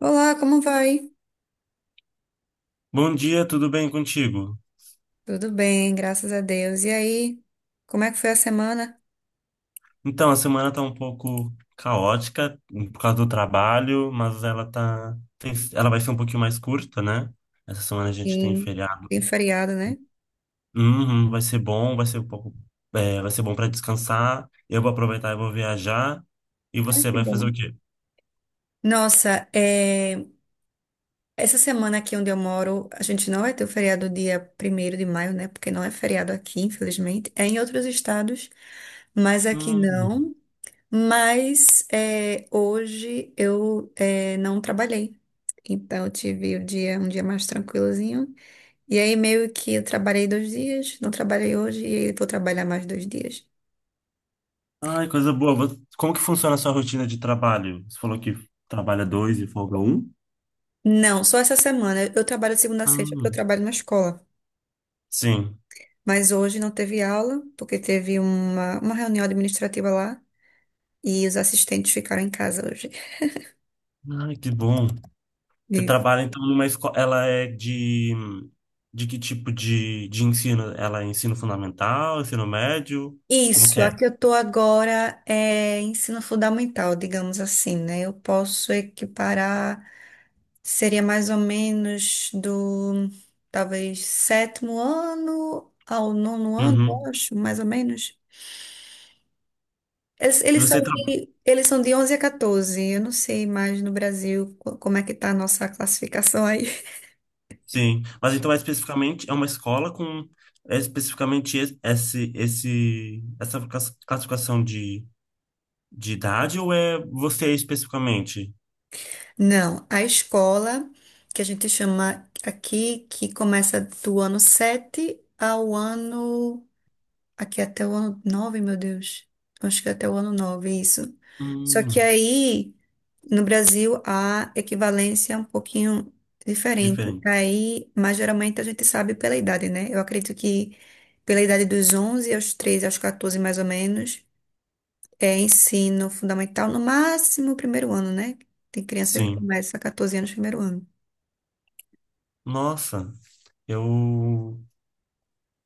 Olá, como vai? Bom dia, tudo bem contigo? Tudo bem, graças a Deus. E aí, como é que foi a semana? Então, a semana tá um pouco caótica por causa do trabalho, mas ela ela vai ser um pouquinho mais curta, né? Essa semana a gente tem Sim, feriado. tem feriado, né? Uhum, vai ser bom, vai ser um pouco, vai ser bom para descansar. Eu vou aproveitar e vou viajar. E Ai, você que vai fazer o bom. quê? Nossa, é, essa semana aqui onde eu moro, a gente não vai ter o feriado dia primeiro de maio, né? Porque não é feriado aqui, infelizmente. É em outros estados, mas aqui Hum, não. Mas é, hoje eu é, não trabalhei. Então eu tive um dia mais tranquilozinho. E aí meio que eu trabalhei dois dias, não trabalhei hoje e aí vou trabalhar mais dois dias. ai, coisa boa. Como que funciona a sua rotina de trabalho? Você falou que trabalha dois e folga um? Não, só essa semana. Eu trabalho de segunda a sexta porque eu Hum, trabalho na escola. sim. Mas hoje não teve aula porque teve uma reunião administrativa lá e os assistentes ficaram em casa hoje. Ai, que bom. Você E trabalha então numa escola. Ela é de. De que tipo de ensino? Ela é ensino fundamental, ensino médio? Como que isso, é? aqui eu tô agora é ensino fundamental, digamos assim, né? Eu posso equiparar. Seria mais ou menos do, talvez, sétimo ano ao nono ano, eu Uhum. acho, mais ou menos. Eles, E eles são você trabalha. de, eles são de 11 a 14. Eu não sei mais no Brasil como é que tá a nossa classificação aí. Sim. Mas então é especificamente. É uma escola com. É especificamente essa classificação de idade ou é você especificamente? Não, a escola, que a gente chama aqui, que começa do ano 7 ao ano. Aqui até o ano nove, meu Deus. Acho que é até o ano nove, isso. Só que Hum, aí. No Brasil, a equivalência é um pouquinho diferente. diferente. Aí, mas geralmente a gente sabe pela idade, né? Eu acredito que pela idade dos 11 aos 13, aos 14 mais ou menos, é ensino fundamental, no máximo o primeiro ano, né? Tem criança que Sim. começa a 14 anos, primeiro ano. Nossa, eu.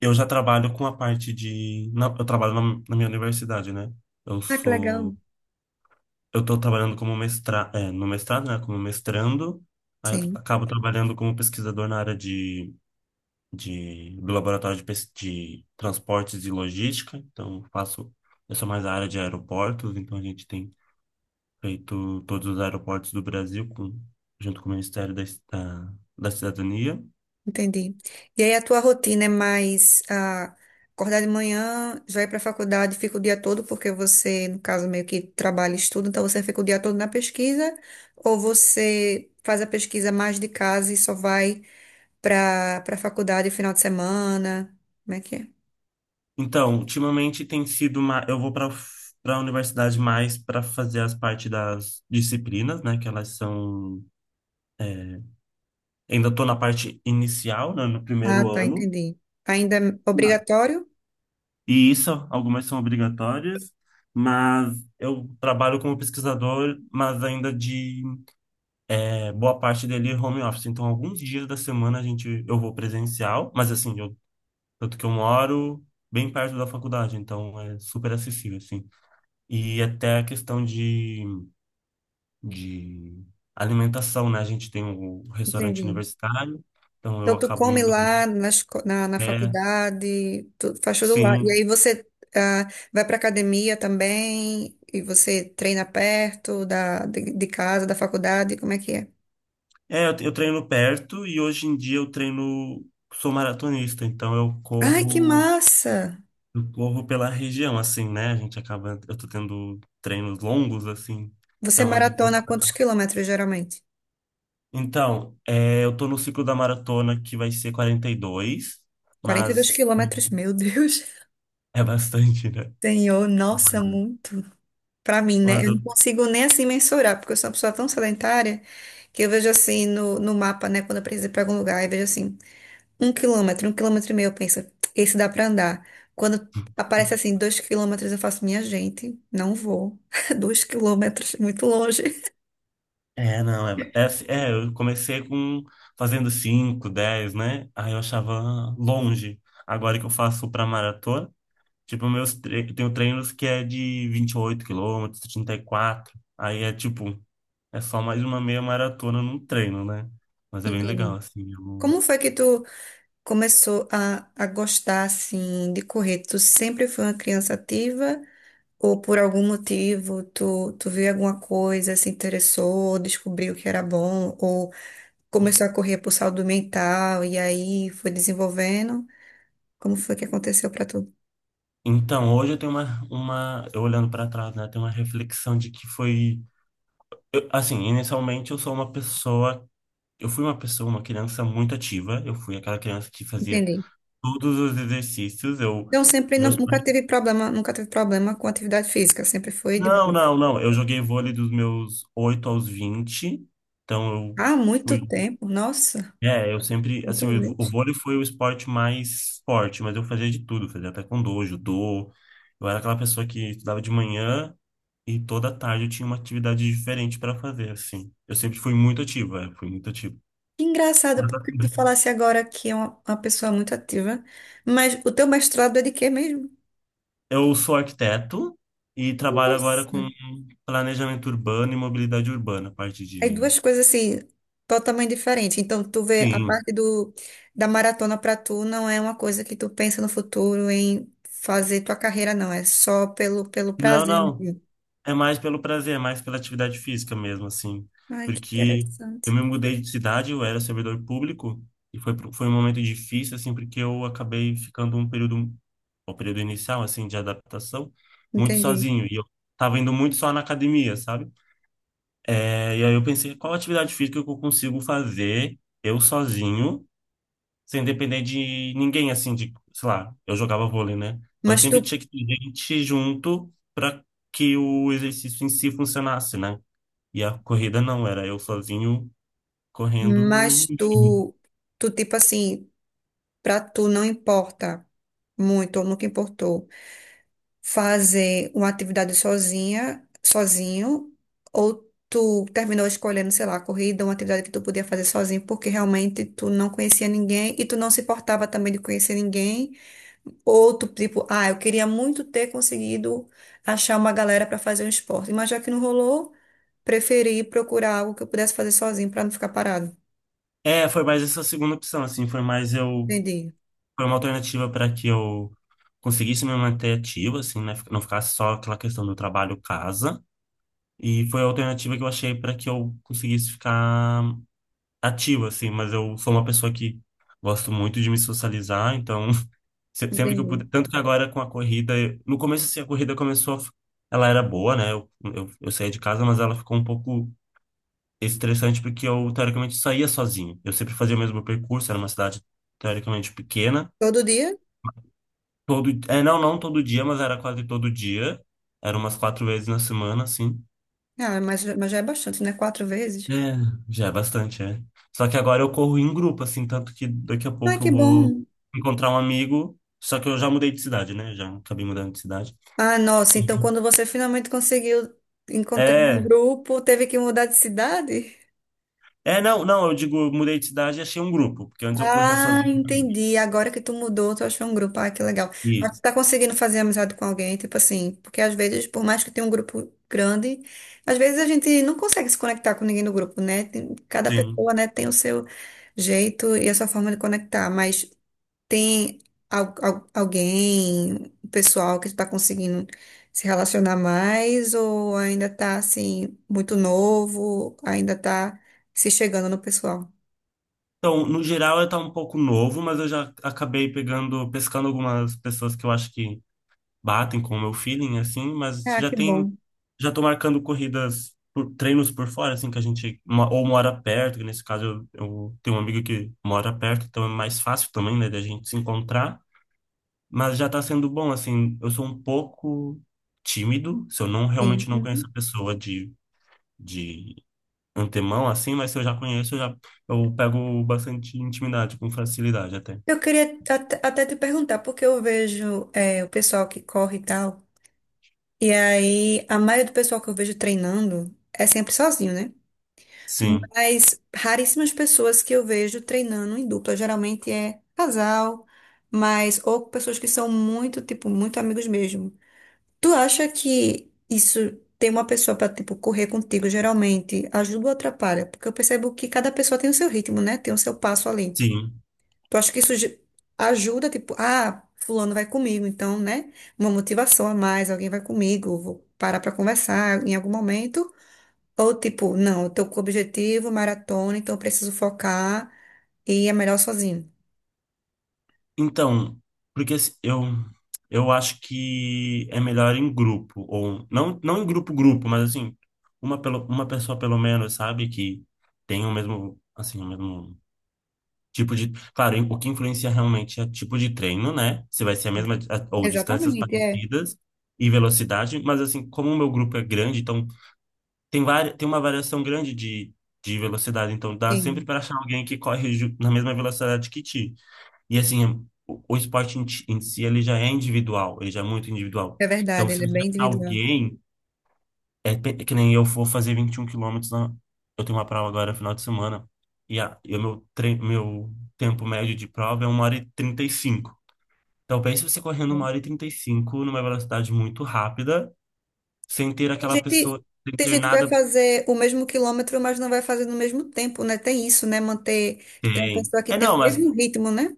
Eu já trabalho com a eu trabalho na minha universidade, né? Eu Ah, que sou. legal. Eu tô trabalhando como mestra, no mestrado, né? Como mestrando. Aí Sim. acabo trabalhando como pesquisador na área do laboratório de transportes e logística. Então, faço. Eu sou mais a área de aeroportos, então a gente tem feito todos os aeroportos do Brasil com, junto com o Ministério da, da Cidadania. Entendi. E aí a tua rotina é mais ah, acordar de manhã, já ir para a faculdade, fica o dia todo, porque você, no caso, meio que trabalha e estuda, então você fica o dia todo na pesquisa, ou você faz a pesquisa mais de casa e só vai para a faculdade final de semana? Como é que é? Então, ultimamente tem sido uma. Eu vou para a universidade mais para fazer as partes das disciplinas, né? Que elas são. É, ainda estou na parte inicial, né, no Ah, primeiro tá, ano. entendi. Ainda é obrigatório? E isso, algumas são obrigatórias, mas eu trabalho como pesquisador, mas ainda boa parte dele home office. Então, alguns dias da semana a gente eu vou presencial, mas assim, eu, tanto que eu moro bem perto da faculdade, então é super acessível, assim. E até a questão de alimentação, né? A gente tem o restaurante Entendi. universitário, então eu Então, tu acabo come indo. lá na É, faculdade, tu faz tudo lá. E sim. aí você ah, vai para academia também, e você treina perto de casa, da faculdade, como é que é? É, eu treino perto e hoje em dia eu treino, sou maratonista, então eu Ai, que corro, massa! eu corro pela região, assim, né? A gente acaba, eu tô tendo treinos longos, assim. Você Então, a gente, eu- maratona quantos quilômetros, geralmente? então, é, eu tô no ciclo da maratona que vai ser 42, 42 mas quilômetros, meu Deus. é bastante, né? Senhor, nossa, muito. Pra mim, né? Mas Eu eu não consigo nem assim mensurar, porque eu sou uma pessoa tão sedentária que eu vejo assim no mapa, né? Quando eu preciso ir pra algum lugar, eu vejo assim. Um quilômetro e meio, eu penso, esse dá pra andar. Quando aparece assim, dois quilômetros, eu faço, minha gente, não vou. Dois quilômetros, muito longe. É, não, é, é, assim- é, eu comecei com fazendo 5, 10 né? Aí eu achava longe. Agora que eu faço pra maratona, tipo, meus tre eu tenho treinos que é de 28 quilômetros, 34. Aí é tipo, é só mais uma meia maratona num treino, né? Mas é bem legal, Entendi. assim. Como foi que tu começou a gostar, assim, de correr? Tu sempre foi uma criança ativa? Ou por algum motivo, tu viu alguma coisa, se interessou, descobriu que era bom? Ou começou a correr por saúde mental e aí foi desenvolvendo? Como foi que aconteceu pra tu? Então, hoje eu tenho eu olhando pra trás, né? Tenho uma reflexão de que assim, inicialmente eu fui uma pessoa, uma criança muito ativa. Eu fui aquela criança que fazia Entendi. todos os exercícios. Então, sempre nu- Meus pais, nunca teve problema, nunca teve problema com atividade física, sempre foi de não, boa. não, não. Eu joguei vôlei dos meus 8 aos 20. Então eu Há muito fui. tempo, nossa, É, eu sempre, assim, muito o gente. vôlei foi o esporte mais forte, mas eu fazia de tudo, fazia taekwondo, judô. Eu era aquela pessoa que estudava de manhã e toda tarde eu tinha uma atividade diferente para fazer, assim. Eu sempre fui muito ativo, fui muito ativo. Que engraçado, Mas porque tu assim, falasse agora que é uma pessoa muito ativa, mas o teu mestrado é de quê mesmo? eu sou arquiteto e trabalho agora com Nossa, planejamento urbano e mobilidade urbana, parte aí de. duas coisas assim, totalmente diferentes. Então, tu vê a Sim. parte do, da maratona pra tu não é uma coisa que tu pensa no futuro em fazer tua carreira, não, é só pelo Não, prazer não. mesmo. É mais pelo prazer, é mais pela atividade física mesmo, assim. Ai, que Porque eu interessante. me mudei de cidade, eu era servidor público, e foi um momento difícil, assim, porque eu acabei ficando um período, o período inicial, assim, de adaptação, muito Entendi. sozinho. E eu tava indo muito só na academia, sabe? E aí eu pensei, qual atividade física que eu consigo fazer eu sozinho, sem depender de ninguém, assim, de, sei lá, eu jogava vôlei, né? Mas Mas tu sempre tinha que ter gente junto para que o exercício em si funcionasse, né? E a corrida não, era eu sozinho correndo, Mas enfim. tu, tu tipo assim, pra tu não importa muito, ou nunca importou, fazer uma atividade sozinha, sozinho, ou tu terminou escolhendo, sei lá, corrida, uma atividade que tu podia fazer sozinho, porque realmente tu não conhecia ninguém e tu não se importava também de conhecer ninguém, ou tu tipo, ah, eu queria muito ter conseguido achar uma galera pra fazer um esporte, mas já que não rolou, preferi procurar algo que eu pudesse fazer sozinho pra não ficar parado. Foi mais essa segunda opção, assim, foi mais eu. Entendi, Foi uma alternativa para que eu conseguisse me manter ativo, assim, né? Não ficasse só aquela questão do trabalho-casa. E foi a alternativa que eu achei para que eu conseguisse ficar ativo, assim, mas eu sou uma pessoa que gosto muito de me socializar, então sempre que eu entendi. puder. Tanto que agora com a corrida, no começo, assim, a corrida começou, a f- ela era boa, né? Eu saía de casa, mas ela ficou um pouco estressante porque eu, teoricamente, saía sozinho. Eu sempre fazia o mesmo percurso, era uma cidade teoricamente pequena. Todo dia? Não, não todo dia, mas era quase todo dia. Era umas quatro vezes na semana, assim. Ah, mas já é bastante, né? Quatro vezes. É, já é bastante, é. Só que agora eu corro em grupo, assim, tanto que daqui a Ai, pouco que eu vou bom. encontrar um amigo. Só que eu já mudei de cidade, né? Já acabei mudando de cidade. Ah, nossa, então Uhum. quando você finalmente conseguiu encontrar um É, grupo, teve que mudar de cidade? Não, não, eu digo, eu mudei de cidade e achei um grupo, porque antes eu corria Ah, sozinho também. entendi. Agora que tu mudou, tu achou um grupo. Ah, que legal. Mas tu Isso, tá conseguindo fazer amizade com alguém, tipo assim, porque às vezes, por mais que tenha um grupo grande, às vezes a gente não consegue se conectar com ninguém no grupo, né? Cada pessoa, sim. né, tem o seu jeito e a sua forma de conectar, mas tem alguém, o pessoal que está conseguindo se relacionar mais ou ainda está assim muito novo, ainda está se chegando no pessoal? Então, no geral, eu tá um pouco novo, mas eu já acabei pegando, pescando algumas pessoas que eu acho que batem com o meu feeling, assim, mas Ah, já que tem, bom. já tô marcando corridas, por, treinos por fora, assim, que a gente, ou mora perto, que nesse caso eu tenho um amigo que mora perto, então é mais fácil também, né, da gente se encontrar, mas já tá sendo bom, assim, eu sou um pouco tímido, se eu não, Sim. realmente não conheço Uhum. a pessoa de antemão, assim, mas se eu já conheço, eu pego bastante intimidade, com facilidade até. Eu queria até te perguntar, porque eu vejo é, o pessoal que corre e tal, e aí a maioria do pessoal que eu vejo treinando é sempre sozinho, né? Sim, Mas raríssimas pessoas que eu vejo treinando em dupla. Geralmente é casal, mas ou pessoas que são muito, tipo, muito amigos mesmo. Tu acha que isso ter uma pessoa pra, tipo, correr contigo, geralmente ajuda ou atrapalha? Porque eu percebo que cada pessoa tem o seu ritmo, né? Tem o seu passo ali. sim. Tu acha que isso ajuda, tipo, ah, fulano vai comigo, então, né? Uma motivação a mais, alguém vai comigo, vou parar pra conversar em algum momento. Ou tipo, não, eu tô com o objetivo, maratona, então eu preciso focar e é melhor sozinho. Então, porque assim, eu acho que é melhor em grupo, ou não, não em grupo, grupo, mas assim, uma, pelo, uma pessoa pelo menos, sabe, que tem o mesmo, assim, o mesmo tipo de. Claro, o que influencia realmente é tipo de treino, né? Se vai ser a mesma, ou distâncias Exatamente, é. parecidas e velocidade, mas assim, como o meu grupo é grande, então tem uma variação grande de velocidade, então dá sempre Sim, para achar alguém que corre na mesma velocidade que ti. E assim, o esporte em si, ele já é individual, ele já é muito individual. é Então, verdade, se ele é você bem achar individual. alguém, é que nem eu for fazer 21 quilômetros, eu tenho uma prova agora final de semana, e, e o meu tempo médio de prova é 1 hora e 35. Então, pense você correndo 1 hora e 35 numa velocidade muito rápida, sem ter Tem aquela gente, pessoa, sem tem ter gente que vai nada. fazer o mesmo quilômetro, mas não vai fazer no mesmo tempo, né? Tem isso, né? Manter, tem uma Tem. pessoa que tem Não, o mas mesmo ritmo, né?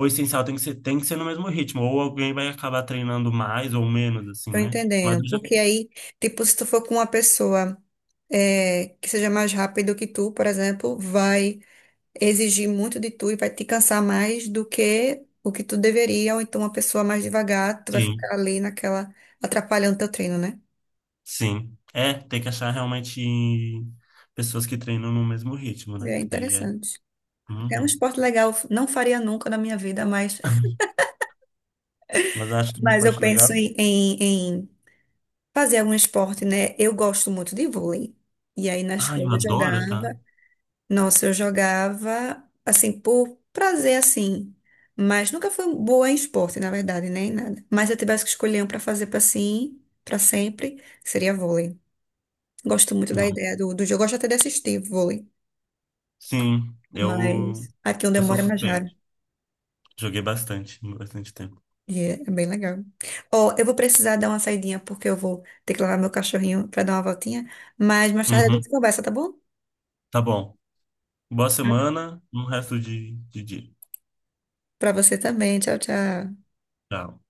o essencial tem que ser no mesmo ritmo, ou alguém vai acabar treinando mais ou menos, assim, Tô né? Mas entendendo. eu já. Porque aí, tipo, se tu for com uma pessoa é, que seja mais rápido que tu, por exemplo, vai exigir muito de tu e vai te cansar mais do que o que tu deveria, ou então uma pessoa mais devagar, tu vai Sim. ficar ali naquela, atrapalhando teu treino, né? Sim. Tem que achar realmente pessoas que treinam no mesmo ritmo, né? É Que daí é. interessante. É um Uhum. esporte legal, não faria nunca na minha vida, Mas acho que uma mas eu parte penso legal. em, em fazer algum esporte, né? Eu gosto muito de vôlei. E aí na Ah, escola eu eu adoro, tá? jogava. Nossa, eu jogava assim por prazer assim, mas nunca fui boa em esporte, na verdade, nem nada. Mas se eu tivesse que escolher um para fazer para sim, para sempre, seria vôlei. Gosto muito da Não. ideia do jogo, gosto até de assistir vôlei, Sim, mas eu, aqui onde eu eu sou moro é mais raro. suspeito. Joguei bastante, bastante tempo. E é bem legal. Ó, eu vou precisar dar uma saidinha porque eu vou ter que levar meu cachorrinho para dar uma voltinha, mas mais tarde a Uhum. gente conversa, tá bom? Tá bom. Boa semana, um resto de dia. Para você também. Tchau, tchau. Tchau.